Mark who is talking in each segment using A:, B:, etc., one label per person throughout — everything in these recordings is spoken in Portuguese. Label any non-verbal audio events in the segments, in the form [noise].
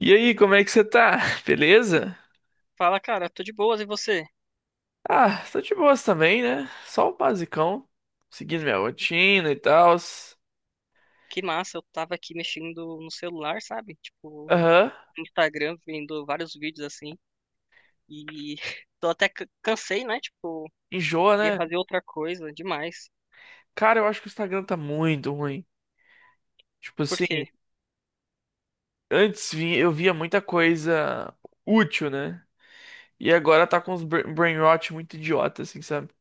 A: E aí, como é que você tá? [laughs] Beleza?
B: Fala, cara, tô de boas e você?
A: Ah, tô de boas também, né? Só o basicão, seguindo minha rotina e tal.
B: Que massa, eu tava aqui mexendo no celular, sabe? Tipo,
A: Aham,
B: no Instagram, vendo vários vídeos assim. E [laughs] tô até cansei, né? Tipo,
A: enjoa,
B: queria
A: né?
B: fazer outra coisa demais.
A: Cara, eu acho que o Instagram tá muito ruim. Tipo
B: Por
A: assim,
B: quê?
A: eu via muita coisa útil, né? E agora tá com uns brain rot muito idiota, assim, sabe?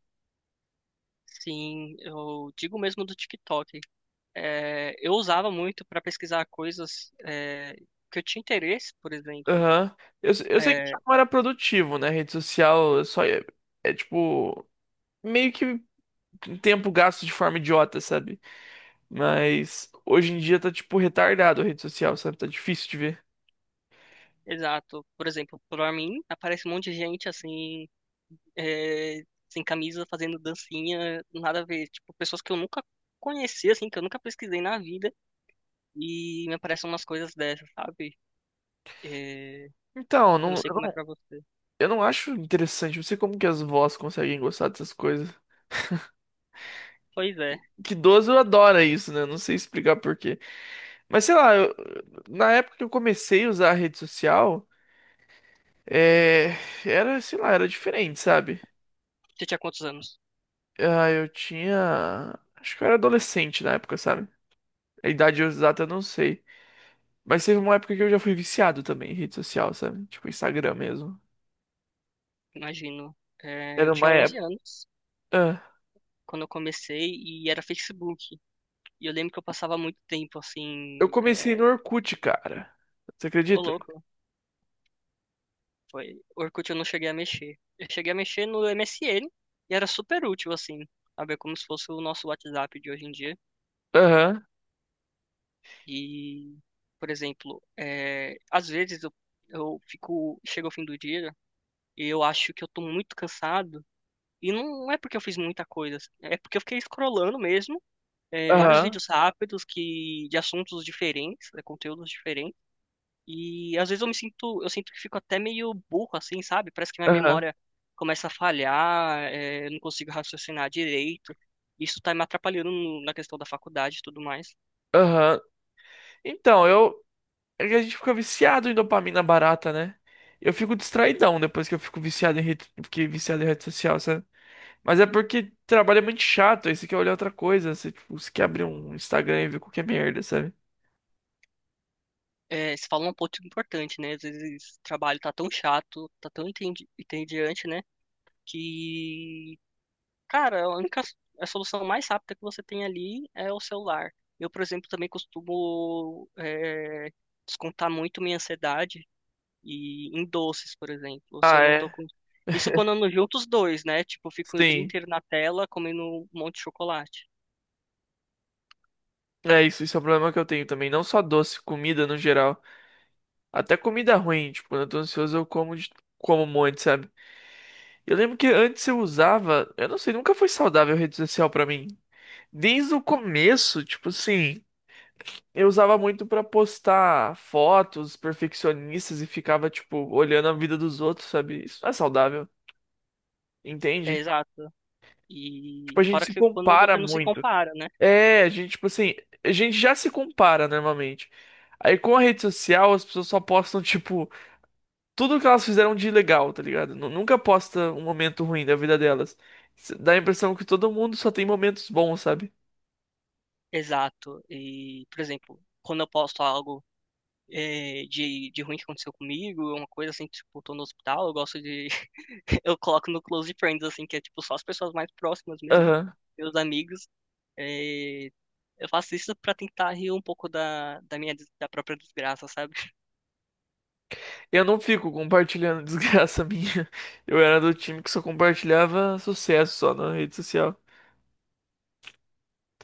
B: Sim, eu digo mesmo do TikTok. É, eu usava muito pra pesquisar coisas que eu tinha interesse, por exemplo.
A: Aham. Eu sei que
B: É,
A: não era produtivo, né? Rede social é só é tipo meio que tempo gasto de forma idiota, sabe? Mas hoje em dia tá, tipo, retardado a rede social, sabe? Tá difícil de ver.
B: exato. Por exemplo, pra mim, aparece um monte de gente assim. é, sem camisa, fazendo dancinha, nada a ver. Tipo, pessoas que eu nunca conheci, assim, que eu nunca pesquisei na vida, e me aparecem umas coisas dessas, sabe? É,
A: Então,
B: eu não
A: não,
B: sei
A: eu
B: como é
A: não,
B: pra você.
A: eu não acho interessante. Não sei como que as vós conseguem gostar dessas coisas.
B: Pois é.
A: Que idoso adora isso, né? Não sei explicar por quê. Mas sei lá, na época que eu comecei a usar a rede social, é, era, sei lá, era diferente, sabe?
B: Você tinha quantos anos?
A: Ah, eu tinha. Acho que eu era adolescente na época, sabe? A idade exata eu não sei. Mas teve uma época que eu já fui viciado também em rede social, sabe? Tipo, Instagram mesmo.
B: Imagino. É, eu
A: Era uma
B: tinha 11 anos
A: época.
B: quando eu comecei e era Facebook. E eu lembro que eu passava muito tempo
A: Eu
B: assim.
A: comecei no Orkut, cara. Você
B: Ô,
A: acredita?
B: louco, foi. Orkut eu não cheguei a mexer. Eu cheguei a mexer no MSN e era super útil, assim. Sabe? É como se fosse o nosso WhatsApp de hoje em dia.
A: Aham,
B: E, por exemplo, às vezes eu fico, chega ao fim do dia e eu acho que eu tô muito cansado. E não é porque eu fiz muita coisa, é porque eu fiquei scrollando mesmo, vários
A: aham,
B: vídeos rápidos que de assuntos diferentes, né, conteúdos diferentes. E às vezes eu sinto que fico até meio burro assim, sabe? Parece que minha
A: aham,
B: memória começa a falhar, eu não consigo raciocinar direito. Isso tá me atrapalhando na questão da faculdade e tudo mais.
A: aham. Então, eu. É que a gente fica viciado em dopamina barata, né? Eu fico distraidão depois que eu fico viciado em rede, fiquei viciado em rede social, sabe? Mas é porque trabalho é muito chato, aí você quer olhar outra coisa, você quer abrir um Instagram e ver qualquer merda, sabe?
B: É, você falou um ponto importante, né? Às vezes o trabalho tá tão chato, tá tão entediante, né? Que, cara, a solução mais rápida que você tem ali é o celular. Eu, por exemplo, também costumo descontar muito minha ansiedade e em doces, por exemplo. Se
A: Ah,
B: eu não tô
A: é?
B: com. Isso quando eu não junto os dois, né? Tipo, eu fico o dia
A: Sim,
B: inteiro na tela comendo um monte de chocolate.
A: é isso, isso é um problema que eu tenho também. Não só doce, comida no geral. Até comida ruim, tipo, quando eu tô ansioso como um monte, sabe? Eu lembro que antes eu usava, eu não sei, nunca foi saudável rede social pra mim. Desde o começo, tipo assim, eu usava muito pra postar fotos perfeccionistas e ficava, tipo, olhando a vida dos outros, sabe? Isso não é saudável,
B: É
A: entende?
B: exato. E
A: Tipo, a gente
B: fora
A: se
B: que quando
A: compara
B: você não se
A: muito.
B: compara, né?
A: É, a gente, tipo assim, a gente já se compara normalmente. Aí com a rede social, as pessoas só postam, tipo, tudo que elas fizeram de legal, tá ligado? Nunca posta um momento ruim da vida delas. Dá a impressão que todo mundo só tem momentos bons, sabe?
B: Exato. E, por exemplo, quando eu posto algo de ruim que aconteceu comigo, uma coisa assim, tipo, tô no hospital, eu gosto de. [laughs] Eu coloco no Close Friends, assim, que é tipo só as pessoas mais próximas mesmo,
A: Aham.
B: meus amigos. Eh, eu faço isso pra tentar rir um pouco da própria desgraça, sabe? [laughs]
A: Eu não fico compartilhando [laughs] desgraça minha. Eu era do time que só compartilhava sucesso só na rede social.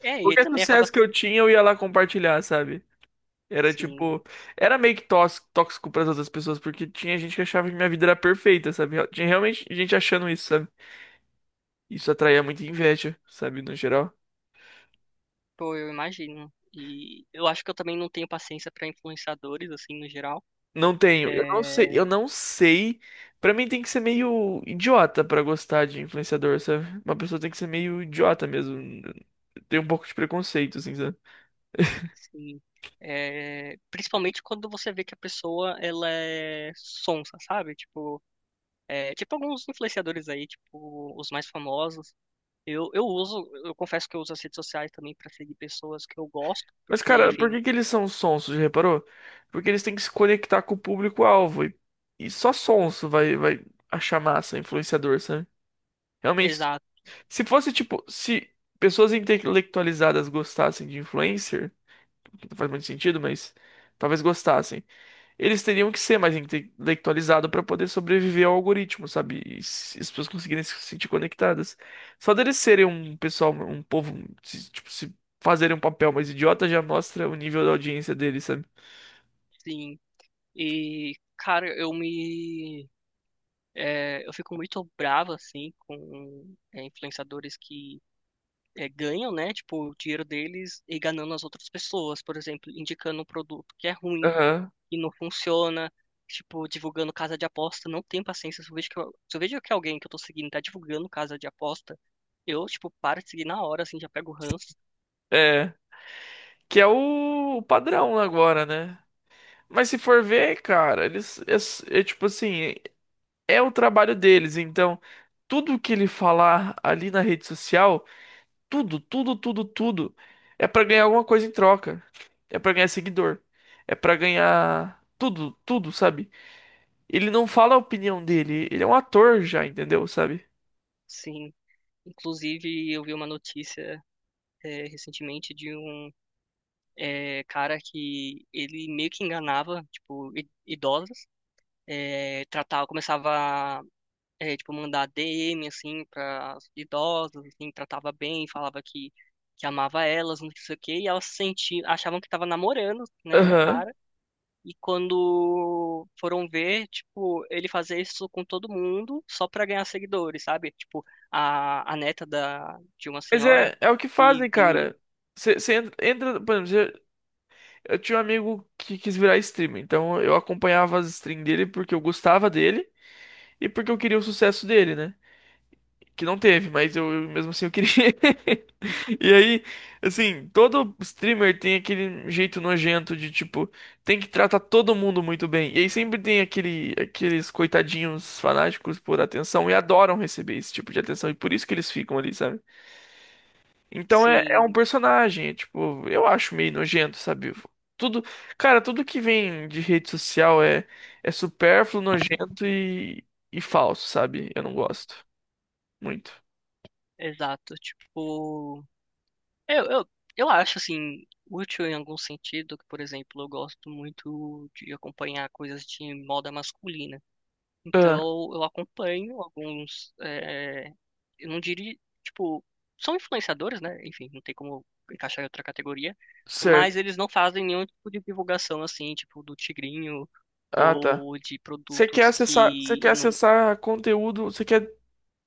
B: É, e
A: Qualquer
B: também acaba
A: sucesso que eu
B: sendo.
A: tinha, eu ia lá compartilhar, sabe? Era
B: Sim,
A: tipo. Era meio que tóxico, tóxico pras outras pessoas, porque tinha gente que achava que minha vida era perfeita, sabe? Tinha realmente gente achando isso, sabe? Isso atraía muita inveja, sabe? No geral.
B: pô, eu imagino. E eu acho que eu também não tenho paciência pra influenciadores, assim, no geral.
A: Não tenho. Eu não sei. Eu
B: É,
A: não sei. Pra mim tem que ser meio idiota pra gostar de influenciador, sabe? Uma pessoa tem que ser meio idiota mesmo. Tem um pouco de preconceito, assim, sabe?
B: sim. É, principalmente quando você vê que a pessoa ela é sonsa, sabe? Tipo, tipo alguns influenciadores aí, tipo os mais famosos. Eu confesso que eu uso as redes sociais também pra seguir pessoas que eu gosto,
A: Mas,
B: porque,
A: cara, por
B: enfim,
A: que que eles são sonsos, já reparou? Porque eles têm que se conectar com o público-alvo. E só sonso vai achar massa influenciador, sabe? Realmente,
B: exato,
A: se fosse tipo, se pessoas intelectualizadas gostassem de influencer, que não faz muito sentido, mas talvez gostassem. Eles teriam que ser mais intelectualizados para poder sobreviver ao algoritmo, sabe? As pessoas conseguirem se sentir conectadas. Só deles serem um pessoal, um povo, se fazerem um papel mais idiota já mostra o nível da audiência deles, sabe?
B: sim. E, cara, eu fico muito bravo assim com influenciadores que ganham, né? Tipo, o dinheiro deles e enganando as outras pessoas, por exemplo, indicando um produto que é ruim
A: Aham.
B: e não funciona, tipo, divulgando casa de aposta, não tenho paciência. Se eu vejo que, eu- se eu vejo que alguém que eu tô seguindo tá divulgando casa de aposta, eu, tipo, paro de seguir na hora, assim, já pego o ranço,
A: É. Que é o padrão agora, né? Mas se for ver, cara, é tipo assim, é o trabalho deles, então tudo que ele falar ali na rede social, tudo, tudo, tudo, tudo é pra ganhar alguma coisa em troca. É pra ganhar seguidor. É pra ganhar tudo, tudo, sabe? Ele não fala a opinião dele, ele é um ator já, entendeu, sabe?
B: sim. Inclusive, eu vi uma notícia recentemente de um cara que ele meio que enganava, tipo, idosas, tratava, começava tipo, mandar DM, assim, para idosas, assim, tratava bem, falava que amava elas, não sei o quê, e elas se sentiam, achavam que tava namorando, né, o
A: Aham.
B: cara, e quando foram ver, tipo, ele fazia isso com todo mundo só pra ganhar seguidores, sabe? Tipo, a neta de uma
A: Mas
B: senhora
A: é, é o que fazem,
B: que viu isso,
A: cara. Você entra, entra- por exemplo, cê- eu tinha um amigo que quis virar streamer, então eu acompanhava as streams dele porque eu gostava dele e porque eu queria o sucesso dele, né? Que não teve, mas eu mesmo assim eu queria. [laughs] E aí, assim, todo streamer tem aquele jeito nojento de tipo, tem que tratar todo mundo muito bem. E aí sempre tem aqueles coitadinhos fanáticos por atenção e adoram receber esse tipo de atenção e por isso que eles ficam ali, sabe? Então é
B: sim,
A: um personagem, é, tipo, eu acho meio nojento, sabe? Tudo, cara, tudo que vem de rede social é supérfluo, nojento e falso, sabe? Eu não gosto muito.
B: exato, tipo... Eu, eu, eu acho, assim, útil em algum sentido, que, por exemplo, eu gosto muito de acompanhar coisas de moda masculina.
A: Ah,
B: Então, eu acompanho alguns, eu não diria, tipo, são influenciadores, né? Enfim, não tem como encaixar em outra categoria, mas
A: certo.
B: eles não fazem nenhum tipo de divulgação, assim, tipo, do tigrinho
A: Ah, tá.
B: ou de produtos
A: Você quer
B: que não...
A: acessar conteúdo,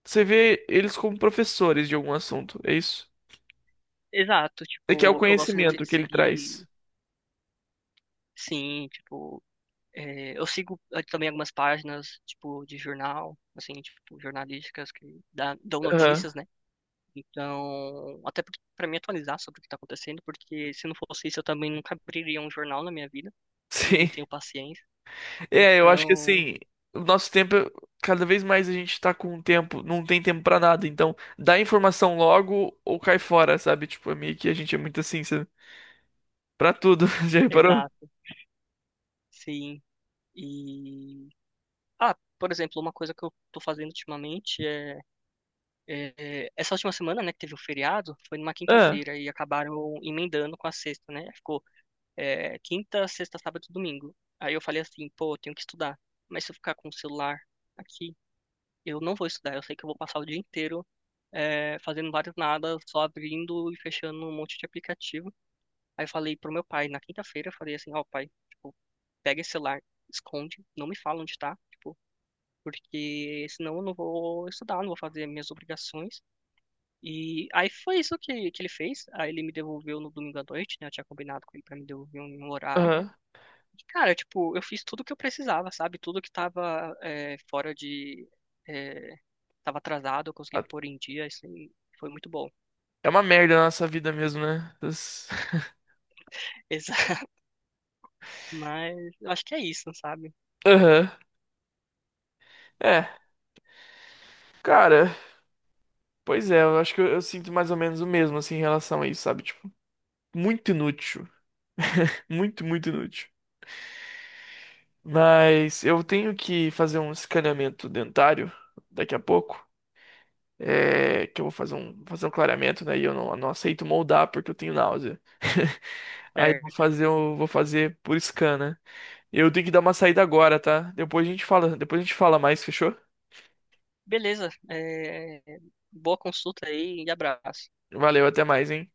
A: você vê eles como professores de algum assunto, é isso?
B: Exato,
A: Você quer o
B: tipo, eu gosto muito
A: conhecimento
B: de
A: que ele traz.
B: seguir, sim, tipo... É, eu sigo também algumas páginas, tipo, de jornal, assim, tipo, jornalísticas que dão
A: Aham.
B: notícias, né? Então, até para me atualizar sobre o que tá acontecendo, porque se não fosse isso, eu também nunca abriria um jornal na minha vida,
A: [laughs]
B: e eu não
A: Sim.
B: tenho paciência.
A: É, eu acho que
B: Então,
A: assim, o nosso tempo, cada vez mais a gente tá com tempo, não tem tempo pra nada, então dá informação logo ou cai fora, sabe? Tipo, é meio que a gente é muito assim, sabe? Pra tudo, [laughs] já reparou?
B: exato, sim. E, ah, por exemplo, uma coisa que eu tô fazendo ultimamente é, essa última semana, né, que teve o feriado, foi numa
A: Ah,
B: quinta-feira, e acabaram emendando com a sexta, né? Ficou quinta, sexta, sábado e domingo. Aí eu falei assim, pô, eu tenho que estudar. Mas se eu ficar com o celular aqui, eu não vou estudar. Eu sei que eu vou passar o dia inteiro fazendo vários nada, só abrindo e fechando um monte de aplicativo. Aí eu falei pro meu pai, na quinta-feira, eu falei assim, ó, pai, tipo, pega esse celular, esconde, não me fala onde tá, tipo, porque senão eu não vou estudar, não vou fazer minhas obrigações. E aí foi isso que ele fez. Aí ele me devolveu no domingo à noite, né? Eu tinha combinado com ele pra me devolver em um horário.
A: aham.
B: E, cara, tipo, eu fiz tudo o que eu precisava, sabe? Tudo que tava fora de. É, tava atrasado, eu consegui pôr em dia, isso aí foi muito bom.
A: É uma merda a nossa vida mesmo, né? As- [laughs]
B: [laughs] Exato. Mas eu acho que é isso, sabe?
A: Aham. É, cara. Pois é, eu acho que eu sinto mais ou menos o mesmo, assim, em relação a isso, sabe? Tipo, muito inútil. Muito, muito inútil. Mas eu tenho que fazer um escaneamento dentário daqui a pouco. É, que eu vou fazer um clareamento, né? E eu não, não aceito moldar porque eu tenho náusea. [laughs] Aí
B: Certo.
A: eu vou fazer por scan, né? Eu tenho que dar uma saída agora, tá? Depois a gente fala mais, fechou?
B: Beleza. Boa consulta aí e abraço.
A: Valeu, até mais, hein?